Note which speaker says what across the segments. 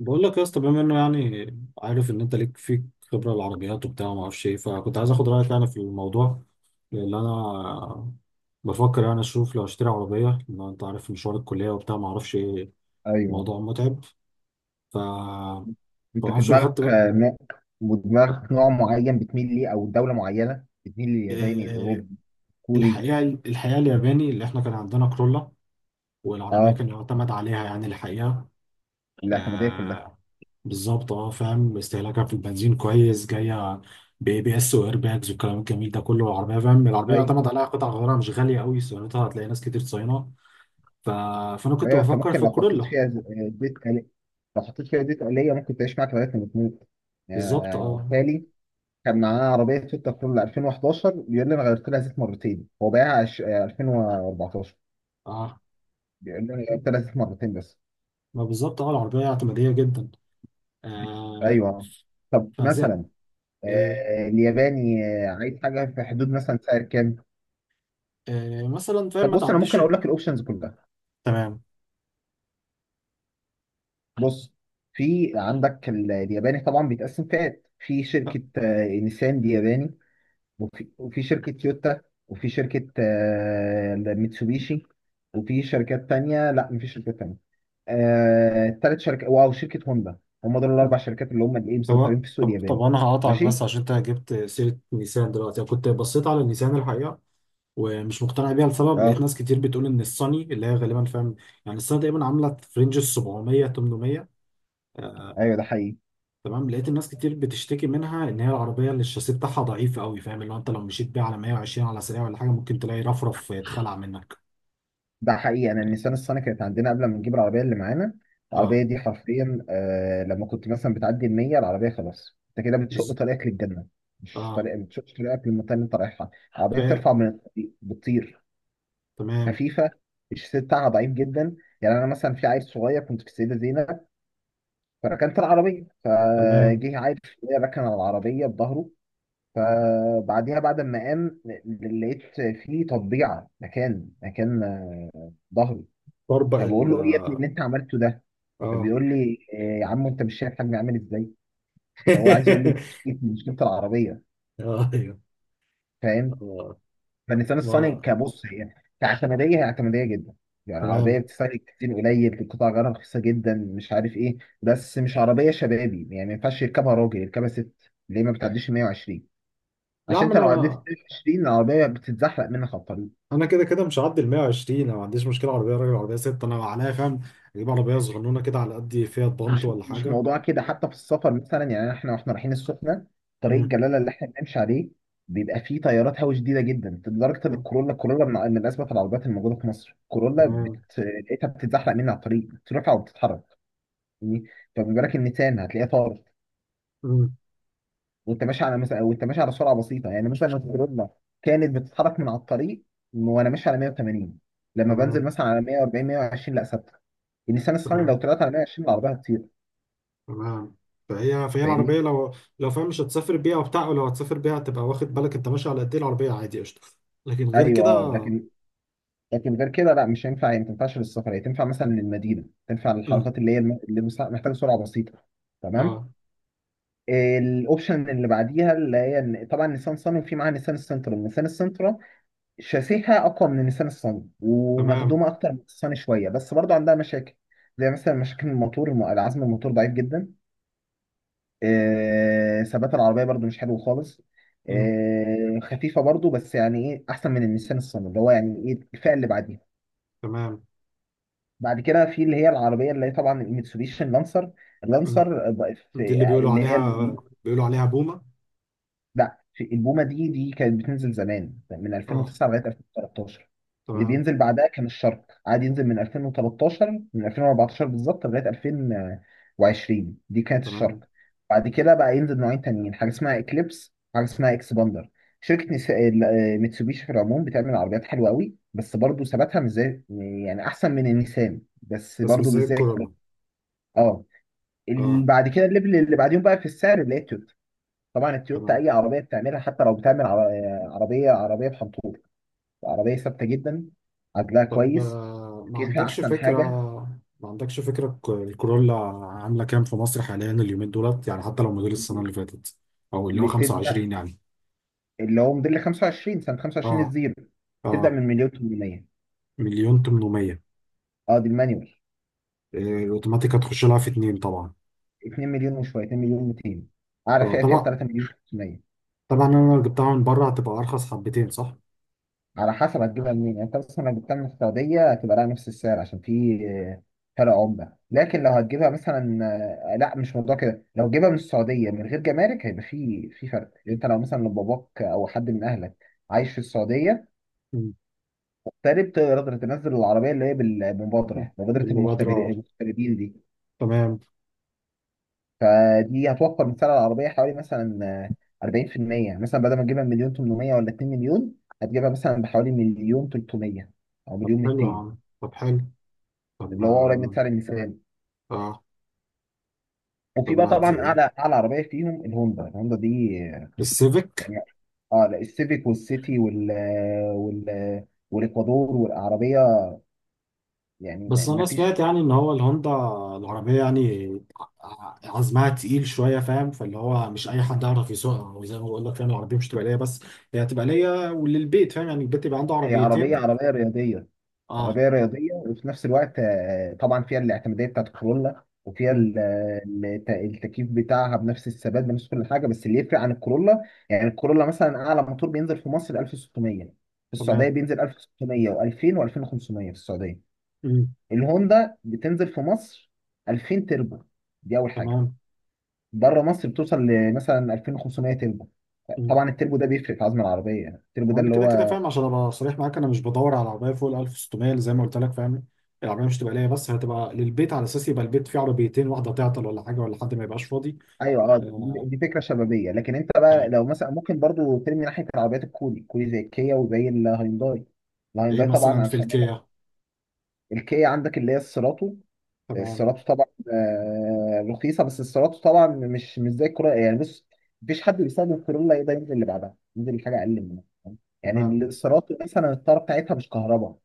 Speaker 1: بقول لك يا اسطى، بما انه يعني عارف ان انت ليك فيك خبره العربيات وبتاع وما اعرفش ايه، فكنت عايز اخد رايك يعني في الموضوع، لان انا بفكر يعني اشوف لو اشتري عربيه. لان انت عارف مشوار الكليه وبتاع ما اعرفش ايه،
Speaker 2: ايوه،
Speaker 1: الموضوع متعب. ف ما
Speaker 2: انت في
Speaker 1: اعرفش لو خدت
Speaker 2: دماغك
Speaker 1: بقى
Speaker 2: نوع ودماغك نوع معين بتميل ليه او دوله معينه بتميل للياباني
Speaker 1: إيه.
Speaker 2: الاوروبي الكوري.
Speaker 1: الحقيقه الياباني اللي احنا كان عندنا كرولا، والعربيه
Speaker 2: اه
Speaker 1: كان يعتمد عليها يعني الحقيقه.
Speaker 2: الاعتماديه كلها.
Speaker 1: آه، بالظبط. اه فاهم، استهلاكها في البنزين كويس، جايه باي بي اس واير باجز والكلام الجميل ده كله. العربيه فاهم، العربيه
Speaker 2: ايوه
Speaker 1: يعتمد عليها، قطع غيارها مش غاليه قوي، صيانتها هتلاقي ناس كتير صاينه. ف... فانا كنت
Speaker 2: ايوه انت
Speaker 1: بفكر في
Speaker 2: ممكن لو حطيت
Speaker 1: الكورولا.
Speaker 2: فيها لو حطيت فيها زيت آلية ممكن تعيش معاك لغايه ما تموت.
Speaker 1: بالظبط اه.
Speaker 2: تالي كان معاه عربيه تويوتا كرولا 2011، بيقول لي انا غيرت لها زيت مرتين. هو بايعها 2014،
Speaker 1: اه
Speaker 2: بيقول لي انا غيرت لها زيت مرتين بس.
Speaker 1: ما بالظبط اه، العربيه اعتماديه جدا. آه.
Speaker 2: ايوه. طب
Speaker 1: فزي
Speaker 2: مثلا
Speaker 1: إيه.
Speaker 2: الياباني عايز حاجه في حدود مثلا سعر كام؟
Speaker 1: إيه مثلا فاهم،
Speaker 2: طب
Speaker 1: ما
Speaker 2: بص انا
Speaker 1: تعديش.
Speaker 2: ممكن اقول لك الاوبشنز كلها.
Speaker 1: تمام.
Speaker 2: بص، في عندك الياباني طبعا بيتقسم فئات. في شركه نيسان، دي ياباني، وفي شركه تويوتا، وفي شركه ميتسوبيشي، وفي شركات تانية. لا مفيش شركات تانية. تالت شركة، واو شركة هوندا. هم دول الأربع شركات اللي هم الإيه
Speaker 1: طب
Speaker 2: مسيطرين في السوق
Speaker 1: طب طب
Speaker 2: الياباني.
Speaker 1: انا هقطعك
Speaker 2: ماشي؟
Speaker 1: بس عشان انت جبت سيره نيسان دلوقتي. انا كنت بصيت على نيسان الحقيقه، ومش مقتنع بيها لسبب.
Speaker 2: اه.
Speaker 1: لقيت ناس كتير بتقول ان الصني، اللي هي غالبا فاهم يعني الصني، تقريبا عامله في رينج ال 700 800.
Speaker 2: ايوه ده حقيقي.
Speaker 1: تمام. لقيت الناس كتير بتشتكي منها ان هي العربيه، اللي الشاسيه بتاعها ضعيف قوي، فاهم اللي هو انت لو مشيت بيها على 120 على سريع ولا حاجه ممكن تلاقي رفرف يتخلع منك.
Speaker 2: ده حقيقي، انا النيسان الصني كانت عندنا قبل ما نجيب العربيه اللي معانا.
Speaker 1: اه
Speaker 2: العربيه دي حرفيا آه، لما كنت مثلا بتعدي ال 100 العربيه خلاص انت كده بتشق
Speaker 1: بز...
Speaker 2: طريقك للجنه. مش
Speaker 1: اه
Speaker 2: طريق، بتشق طريقك للمنطقه اللي انت رايحها.
Speaker 1: ف
Speaker 2: العربيه بترفع من الطريق بتطير،
Speaker 1: تمام.
Speaker 2: خفيفه. الشاسيه بتاعها ضعيف جدا. يعني انا مثلا في عيل صغير، كنت في السيده زينب فركنت العربيه،
Speaker 1: تمام
Speaker 2: فجه عيل صغير ركن على العربيه بظهره. فبعديها بعد ما قام لقيت فيه تطبيعه مكان ظهري.
Speaker 1: بربق ال
Speaker 2: فبقول له ايه يا ابني اللي انت عملته ده؟
Speaker 1: اه.
Speaker 2: فبيقول لي إيه يا عم انت مش شايف حجمي عامل ازاي؟ ده هو عايز يقول لي مشكلتي مشكله العربيه.
Speaker 1: ايوه
Speaker 2: فاهم؟
Speaker 1: اه
Speaker 2: فالنسيان
Speaker 1: ما
Speaker 2: الصيني كبص، هي كاعتماديه هي اعتماديه جدا. يعني عربيه
Speaker 1: تمام.
Speaker 2: بتستهلك كتير قليل، القطع غيارها رخيصه جدا، مش عارف ايه. بس مش عربيه شبابي. يعني ما ينفعش يركبها راجل، يركبها ست. ليه؟ ما بتعديش ال 120.
Speaker 1: لا يا
Speaker 2: عشان
Speaker 1: عم،
Speaker 2: انت لو عديت
Speaker 1: انا
Speaker 2: ال 120 العربيه بتتزحلق منك على الطريق.
Speaker 1: انا كده كده مش هعدي ال 120. انا ما عنديش مشكله عربيه راجل عربيه ست، انا عليا فاهم اجيب عربيه صغنونه كده على قد فيها بانت
Speaker 2: مش
Speaker 1: ولا
Speaker 2: مش
Speaker 1: حاجه.
Speaker 2: موضوع كده. حتى في السفر مثلا، يعني احنا واحنا رايحين السخنه طريق
Speaker 1: أمم.
Speaker 2: الجلاله اللي احنا بنمشي عليه بيبقى فيه تيارات هوا شديده جدا لدرجه ان
Speaker 1: ت-
Speaker 2: الكورولا من اسباب العربيات الموجوده في مصر، الكورولا
Speaker 1: تمام.
Speaker 2: لقيتها بتتزحلق مني على الطريق، بترفع وبتتحرك يعني. فما بالك النيسان هتلاقيها طارت.
Speaker 1: أمم،
Speaker 2: وانت ماشي على مثلا، وانت ماشي على سرعه بسيطه. يعني مثلا لو الكورولا كانت بتتحرك من على الطريق وانا ماشي على 180، لما بنزل
Speaker 1: تمام.
Speaker 2: مثلا على 140 120 لا، ثابته. النيسان الصيني لو
Speaker 1: تمام.
Speaker 2: طلعت على 120 العربيه هتطير.
Speaker 1: تمام فهي
Speaker 2: فاهمني؟
Speaker 1: العربيه لو فاهم مش هتسافر بيها وبتاع، ولو هتسافر بيها هتبقى واخد بالك انت ماشي على قد ايه العربيه، عادي قشطه. لكن غير
Speaker 2: ايوه
Speaker 1: كده.
Speaker 2: اه لكن، لكن غير كده لا مش هينفع. يعني ما تنفعش للسفر. هي تنفع مثلا للمدينه، تنفع
Speaker 1: أمم.
Speaker 2: للحركات اللي هي اللي محتاجه سرعه بسيطه. تمام.
Speaker 1: اه
Speaker 2: الاوبشن اللي بعديها اللي هي طبعا نيسان صني، وفي معاها نيسان السنترا. نيسان السنترا شاسيها اقوى من نيسان الصني
Speaker 1: تمام.
Speaker 2: ومخدومه اكتر من الصني شويه. بس برضو عندها مشاكل، زي مثلا مشاكل الموتور العزم الموتور ضعيف جدا. ثبات العربيه برضو مش حلو خالص.
Speaker 1: أمم.
Speaker 2: خفيفه برضو. بس يعني ايه احسن من النيسان الصني، اللي هو يعني ايه الفئه اللي بعديها.
Speaker 1: تمام.
Speaker 2: بعد كده في اللي هي العربيه اللي هي طبعا الميتسوبيشي اللانسر.
Speaker 1: أمم.
Speaker 2: اللانسر بقى في
Speaker 1: دي اللي بيقولوا
Speaker 2: اللي هي ال-
Speaker 1: عليها بيقولوا عليها بومه.
Speaker 2: لا، في البومه. دي كانت بتنزل زمان من
Speaker 1: اه
Speaker 2: 2009 لغايه 2013. اللي
Speaker 1: تمام.
Speaker 2: بينزل بعدها كان الشرق. عاد ينزل من 2013 من 2014 بالظبط لغايه 2020. دي كانت
Speaker 1: تمام
Speaker 2: الشرق. بعد كده بقى ينزل نوعين تانيين، حاجه اسمها اكليبس، حاجه اسمها اكسباندر. شركة نس- ال- آه، ميتسوبيشي في العموم بتعمل عربيات حلوة قوي، بس برضو ثباتها مش زي. يعني أحسن من النيسان بس
Speaker 1: بس مش
Speaker 2: برضو مش
Speaker 1: زي
Speaker 2: زي.
Speaker 1: الكورولا.
Speaker 2: اه
Speaker 1: اه
Speaker 2: بعد كده الليفل اللي بعديهم بقى في السعر اللي هي التويوتا. طبعا التويوتا
Speaker 1: تمام.
Speaker 2: اي عربيه بتعملها، حتى لو بتعمل عربيه بحنطور، عربيه ثابته جدا، عدلها
Speaker 1: طب
Speaker 2: كويس،
Speaker 1: آه، ما
Speaker 2: كيفها
Speaker 1: عندكش
Speaker 2: احسن
Speaker 1: فكرة.
Speaker 2: حاجه.
Speaker 1: ما عندكش فكرة الكورولا عاملة كام في مصر حاليا اليومين دولت يعني؟ حتى لو موديل السنة اللي فاتت أو اللي هو
Speaker 2: بتبدا
Speaker 1: 25 يعني.
Speaker 2: اللي هو موديل 25، سنه 25
Speaker 1: اه.
Speaker 2: الزيرو، تبدا
Speaker 1: اه
Speaker 2: من مليون 800.
Speaker 1: مليون 800.
Speaker 2: اه دي المانيوال.
Speaker 1: آه، الأوتوماتيك هتخش لها في اتنين طبعا.
Speaker 2: 2 مليون وشويه، 2 مليون 200. اعلى فئه
Speaker 1: طبعا.
Speaker 2: 3 مليون 500.
Speaker 1: طبعا أنا لو جبتها من بره هتبقى أرخص حبتين، صح؟
Speaker 2: على حسب هتجيبها منين. يعني انت مثلا لو جبتها من السعودية هتبقى لها نفس السعر، عشان في فرق عملة. لكن لو هتجيبها مثلا لا مش موضوع كده. لو جيبها من السعودية من غير جمارك هيبقى في فرق. يعني انت لو مثلا لو باباك او حد من اهلك عايش في السعودية
Speaker 1: مم.
Speaker 2: مغترب تقدر تنزل العربية اللي هي بالمبادرة، مبادرة
Speaker 1: بالمبادرة اه.
Speaker 2: المغتربين دي.
Speaker 1: تمام.
Speaker 2: فدي هتوفر من سعر العربية حوالي مثلا 40% مثلا، بدل ما تجيبها بمليون 800 ولا 2 مليون، هتجيبها مثلا بحوالي مليون 300 او
Speaker 1: طب
Speaker 2: مليون
Speaker 1: حلو يا
Speaker 2: 200،
Speaker 1: عم، طب حلو. طب ما
Speaker 2: اللي هو قريب من سعر الميزانيه.
Speaker 1: اه
Speaker 2: وفي
Speaker 1: طب
Speaker 2: بقى
Speaker 1: ما دي
Speaker 2: طبعا
Speaker 1: آه،
Speaker 2: اعلى عربيه فيهم الهوندا. الهوندا دي
Speaker 1: السيفيك.
Speaker 2: يعني، اه لا، السيفيك والسيتي وال والاكوادور والعربيه. يعني
Speaker 1: بس
Speaker 2: ما
Speaker 1: انا
Speaker 2: فيش.
Speaker 1: سمعت يعني ان هو الهوندا العربيه يعني عزمها تقيل شويه فاهم، فاللي هو مش اي حد يعرف يسوقها، وزي ما بقول لك فاهم العربيه مش تبقى ليا بس، هي هتبقى ليا وللبيت فاهم، يعني البيت يبقى عنده
Speaker 2: هي عربيه
Speaker 1: عربيتين.
Speaker 2: عربيه رياضيه.
Speaker 1: اه.
Speaker 2: عربيه رياضيه وفي نفس الوقت طبعا فيها الاعتماديه بتاعت الكورولا، وفيها
Speaker 1: مم.
Speaker 2: التكييف بتاعها بنفس الثبات بنفس كل حاجه. بس اللي يفرق عن الكورولا، يعني الكورولا مثلا اعلى موتور بينزل في مصر 1600. في السعوديه
Speaker 1: تمام.
Speaker 2: بينزل 1600 و2000 و2500 في السعوديه.
Speaker 1: مم.
Speaker 2: الهوندا بتنزل في مصر 2000 تربو، دي اول حاجه.
Speaker 1: تمام.
Speaker 2: بره مصر بتوصل لمثلا 2500 تربو.
Speaker 1: مم.
Speaker 2: طبعا التربو ده بيفرق في عزم العربيه. التربو
Speaker 1: هو
Speaker 2: ده
Speaker 1: انا
Speaker 2: اللي
Speaker 1: كده كده
Speaker 2: هو
Speaker 1: فاهم، عشان ابقى صريح معاك انا مش بدور على عربيه فوق ال 1600. زي ما قلت لك فاهم، العربيه مش تبقى ليا بس، هتبقى للبيت على اساس يبقى البيت فيه عربيتين، واحده تعطل ولا حاجه ولا حد ما يبقاش فاضي.
Speaker 2: ايوه اه. دي
Speaker 1: آه.
Speaker 2: دي فكره شبابيه. لكن انت بقى
Speaker 1: آه.
Speaker 2: لو مثلا ممكن برضو ترمي ناحيه العربيات الكوري. الكوري زي الكيا وزي الهيونداي.
Speaker 1: ايه
Speaker 2: الهيونداي طبعا
Speaker 1: مثلا في
Speaker 2: عشان
Speaker 1: الكيا؟
Speaker 2: الكيا عندك اللي هي السيراتو.
Speaker 1: تمام.
Speaker 2: السيراميكا طبعا رخيصه. بس السيراميكا طبعا مش زي الكورولا. يعني بص، مفيش حد بيستخدم الكورولا يقدر ينزل اللي بعدها، ينزل لحاجه اقل منها. فاهم؟ يعني
Speaker 1: تمام.
Speaker 2: السيراميكا مثلا الطاره بتاعتها مش كهرباء،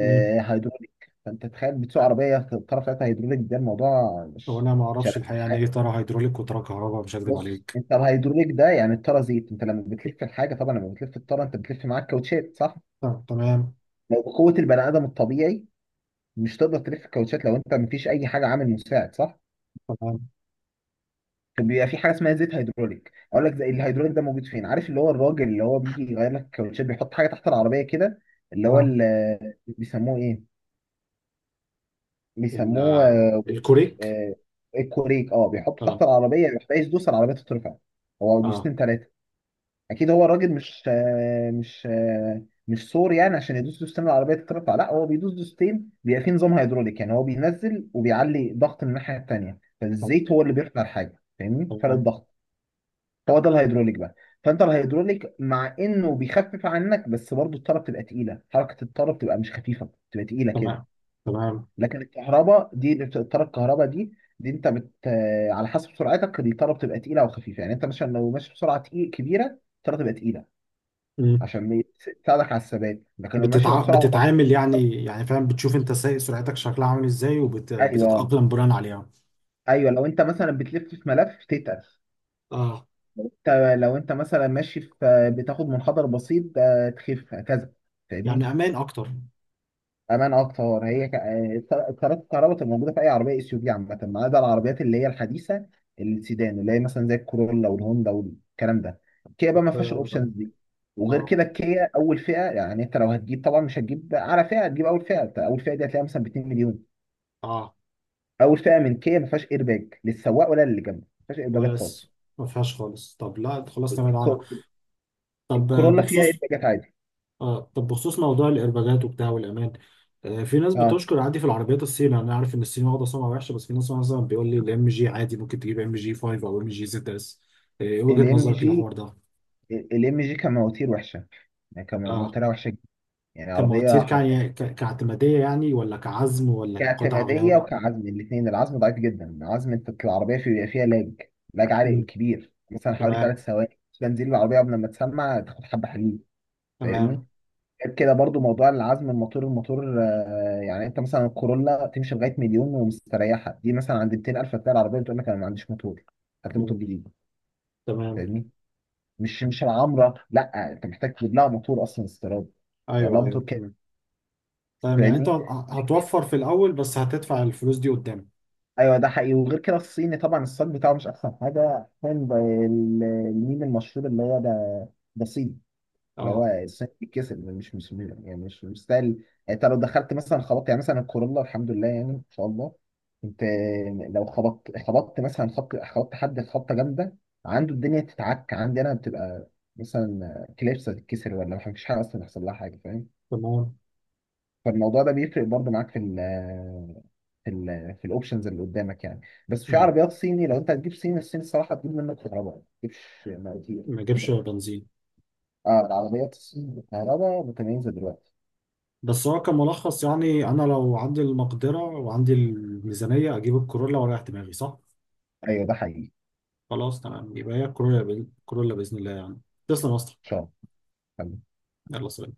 Speaker 1: مم.
Speaker 2: هيدروليك. فانت تخيل بتسوق عربيه الطاره بتاعتها هيدروليك، ده الموضوع
Speaker 1: هو
Speaker 2: مش
Speaker 1: انا ما
Speaker 2: مش ألذ
Speaker 1: اعرفش الحقيقه يعني ايه
Speaker 2: حاجه.
Speaker 1: ترى هيدروليك وترى كهرباء، مش هكذب
Speaker 2: بص
Speaker 1: عليك.
Speaker 2: انت الهيدروليك ده يعني الطاره زيت. انت لما بتلف الحاجه طبعا، لما بتلف الطاره انت بتلف معاك كاوتشات صح؟
Speaker 1: طب تمام.
Speaker 2: لو بقوه البني ادم الطبيعي مش تقدر تلف الكاوتشات لو انت مفيش اي حاجه عامل مساعد صح؟
Speaker 1: تمام.
Speaker 2: كان بيبقى في حاجه اسمها زيت هيدروليك. اقول لك زي الهيدروليك ده موجود فين؟ عارف اللي هو الراجل اللي هو بيجي يغير لك الكاوتشات بيحط حاجه تحت العربيه كده، اللي هو
Speaker 1: اه
Speaker 2: بيسموه ايه، بيسموه
Speaker 1: آه، الكوريك.
Speaker 2: آه، الكوريك. اه بيحطه
Speaker 1: اه.
Speaker 2: تحت العربيه، يحتاج يدوس العربيه تترفع، هو
Speaker 1: اه
Speaker 2: دوستين ثلاثه. اكيد هو الراجل مش سور يعني عشان يدوس دوستين العربيه تترفع. لا، هو بيدوس دوستين بيبقى في نظام هيدروليك. يعني هو بينزل وبيعلي ضغط من الناحيه التانيه،
Speaker 1: طب
Speaker 2: فالزيت هو اللي بيرفع الحاجه. فاهمني فرق
Speaker 1: تمام.
Speaker 2: الضغط؟ هو ده الهيدروليك بقى. فانت الهيدروليك مع انه بيخفف عنك بس برضه الطاره بتبقى تقيله. حركه الطاره بتبقى مش خفيفه، بتبقى تقيله كده.
Speaker 1: تمام. تمام.
Speaker 2: لكن الكهرباء دي اللي الطاره الكهرباء دي، دي انت بت آه، على حسب سرعتك الطاره بتبقى تقيله او خفيفه. يعني انت مثلا لو ماشي بسرعه تقيل كبيره الطاره تبقى تقيله،
Speaker 1: مم.
Speaker 2: عشان تساعدك على الثبات. لكن لو ماشي بسرعه بطيئه.
Speaker 1: بتتعامل يعني، يعني فاهم بتشوف انت سايق سرعتك شكلها عامل ازاي
Speaker 2: ايوه
Speaker 1: وبتتأقلم بناء عليها.
Speaker 2: ايوه لو انت مثلا بتلف في ملف تتقل.
Speaker 1: اه.
Speaker 2: انت لو انت مثلا ماشي في بتاخد منحدر بسيط، تخف هكذا.
Speaker 1: يعني
Speaker 2: فاهمني؟
Speaker 1: امان اكتر.
Speaker 2: امان اكتر. هي الطارات الكهرباء تبقى موجوده في اي عربيه اس يو في عامه، ما عدا العربيات اللي هي الحديثه، السيدان اللي هي مثلا زي الكورولا والهوندا والكلام ده. الكيا
Speaker 1: طب
Speaker 2: بقى ما فيهاش
Speaker 1: اه.
Speaker 2: الاوبشنز دي. وغير
Speaker 1: اه
Speaker 2: كده الكيا اول فئه، يعني انت لو هتجيب طبعا مش هتجيب اعلى فئه، هتجيب اول فئه. أنت اول فئه دي هتلاقيها مثلا ب 2 مليون.
Speaker 1: آه.
Speaker 2: اول فئه من كيا ما فيهاش ايرباج للسواق ولا للي جنبه، ما فيهاش ايرباجات
Speaker 1: ولا
Speaker 2: خالص.
Speaker 1: س- ما فيهاش خالص. طب لا خلاص نبعد عنها.
Speaker 2: الكور-
Speaker 1: طب آه،
Speaker 2: الكورولا فيها
Speaker 1: بخصوص.
Speaker 2: ايرباجات عادي.
Speaker 1: اه طب بخصوص موضوع الإيرباجات وبتاع والأمان. آه، في ناس
Speaker 2: اه
Speaker 1: بتشكر عادي في العربيات الصين. أنا عارف إن الصين واخدة سمعة وحشة، بس في ناس مثلا بيقول لي الإم جي عادي، ممكن تجيب إم جي 5 أو إم جي زد إس. آه، إيه وجهة
Speaker 2: الام
Speaker 1: نظرك
Speaker 2: جي،
Speaker 1: للحوار ده؟
Speaker 2: الام جي كان مواتير وحشه، يعني كان
Speaker 1: اه
Speaker 2: موتورها وحشه جدا. يعني عربيه حرفيا
Speaker 1: كاعتمادية يعني، ولا كعزم ولا قطع
Speaker 2: كاعتمادية
Speaker 1: غيار؟
Speaker 2: وكعزم الاثنين. العزم ضعيف جدا. عزم انت العربية في بيبقى فيها لاج، لاج عالي
Speaker 1: مم.
Speaker 2: كبير، مثلا حوالي ثلاث
Speaker 1: تمام.
Speaker 2: ثواني بنزين العربية قبل ما تسمع تاخد حبة حليب. فاهمني؟
Speaker 1: تمام.
Speaker 2: غير كده برضو موضوع العزم الموتور يعني انت مثلا الكورولا تمشي لغاية مليون ومستريحة، دي مثلا عند 200000 هتلاقي العربية بتقول لك انا ما عنديش موتور، هات لي موتور
Speaker 1: مم.
Speaker 2: جديد.
Speaker 1: تمام.
Speaker 2: فاهمني؟ مش مش العمرة، لا انت محتاج تجيب لها موتور اصلا استيراد، لا
Speaker 1: أيوه أيوه
Speaker 2: موتور كده.
Speaker 1: تمام. تمام يعني أنت
Speaker 2: فاهمني؟
Speaker 1: هتوفر في الأول بس هتدفع الفلوس دي قدام.
Speaker 2: ايوه ده حقيقي. وغير كده الصيني طبعا الصاج بتاعه مش احسن حاجه. فاهم الميم المشهور اللي هو ده، ده صيني. اللي هو
Speaker 1: اه
Speaker 2: الصيني بيتكسر، مش يعني مش مستاهل. انت لو دخلت مثلا خبطت، يعني مثلا الكورولا الحمد لله يعني ان شاء الله، انت لو خبطت مثلا خبط، خبطت حد خبطه جامده، عنده الدنيا تتعك. عندي انا بتبقى مثلا كليبسه تتكسر، ولا مفيش حاجه اصلا يحصل لها حاجه. فاهم؟
Speaker 1: تمام.
Speaker 2: فالموضوع ده بيفرق برضه معاك في ال في ال في الاوبشنز اللي قدامك يعني. بس في
Speaker 1: مم.
Speaker 2: عربيات صيني لو انت هتجيب صيني، الصين الصراحه هتجيب منك كهرباء ما تجيبش مواتير.
Speaker 1: ما يجيبش بنزين.
Speaker 2: اه العربيات الصيني بالكهرباء متميزه دلوقتي.
Speaker 1: بس هو كملخص يعني انا لو عندي المقدره وعندي الميزانيه اجيب الكورولا واريح دماغي، صح؟
Speaker 2: ايوه ده حقيقي ان
Speaker 1: خلاص تمام، يبقى هي الكورولا. الكورولا باذن الله يعني. تسلم يا اسطى.
Speaker 2: شاء الله.
Speaker 1: يلا سلام.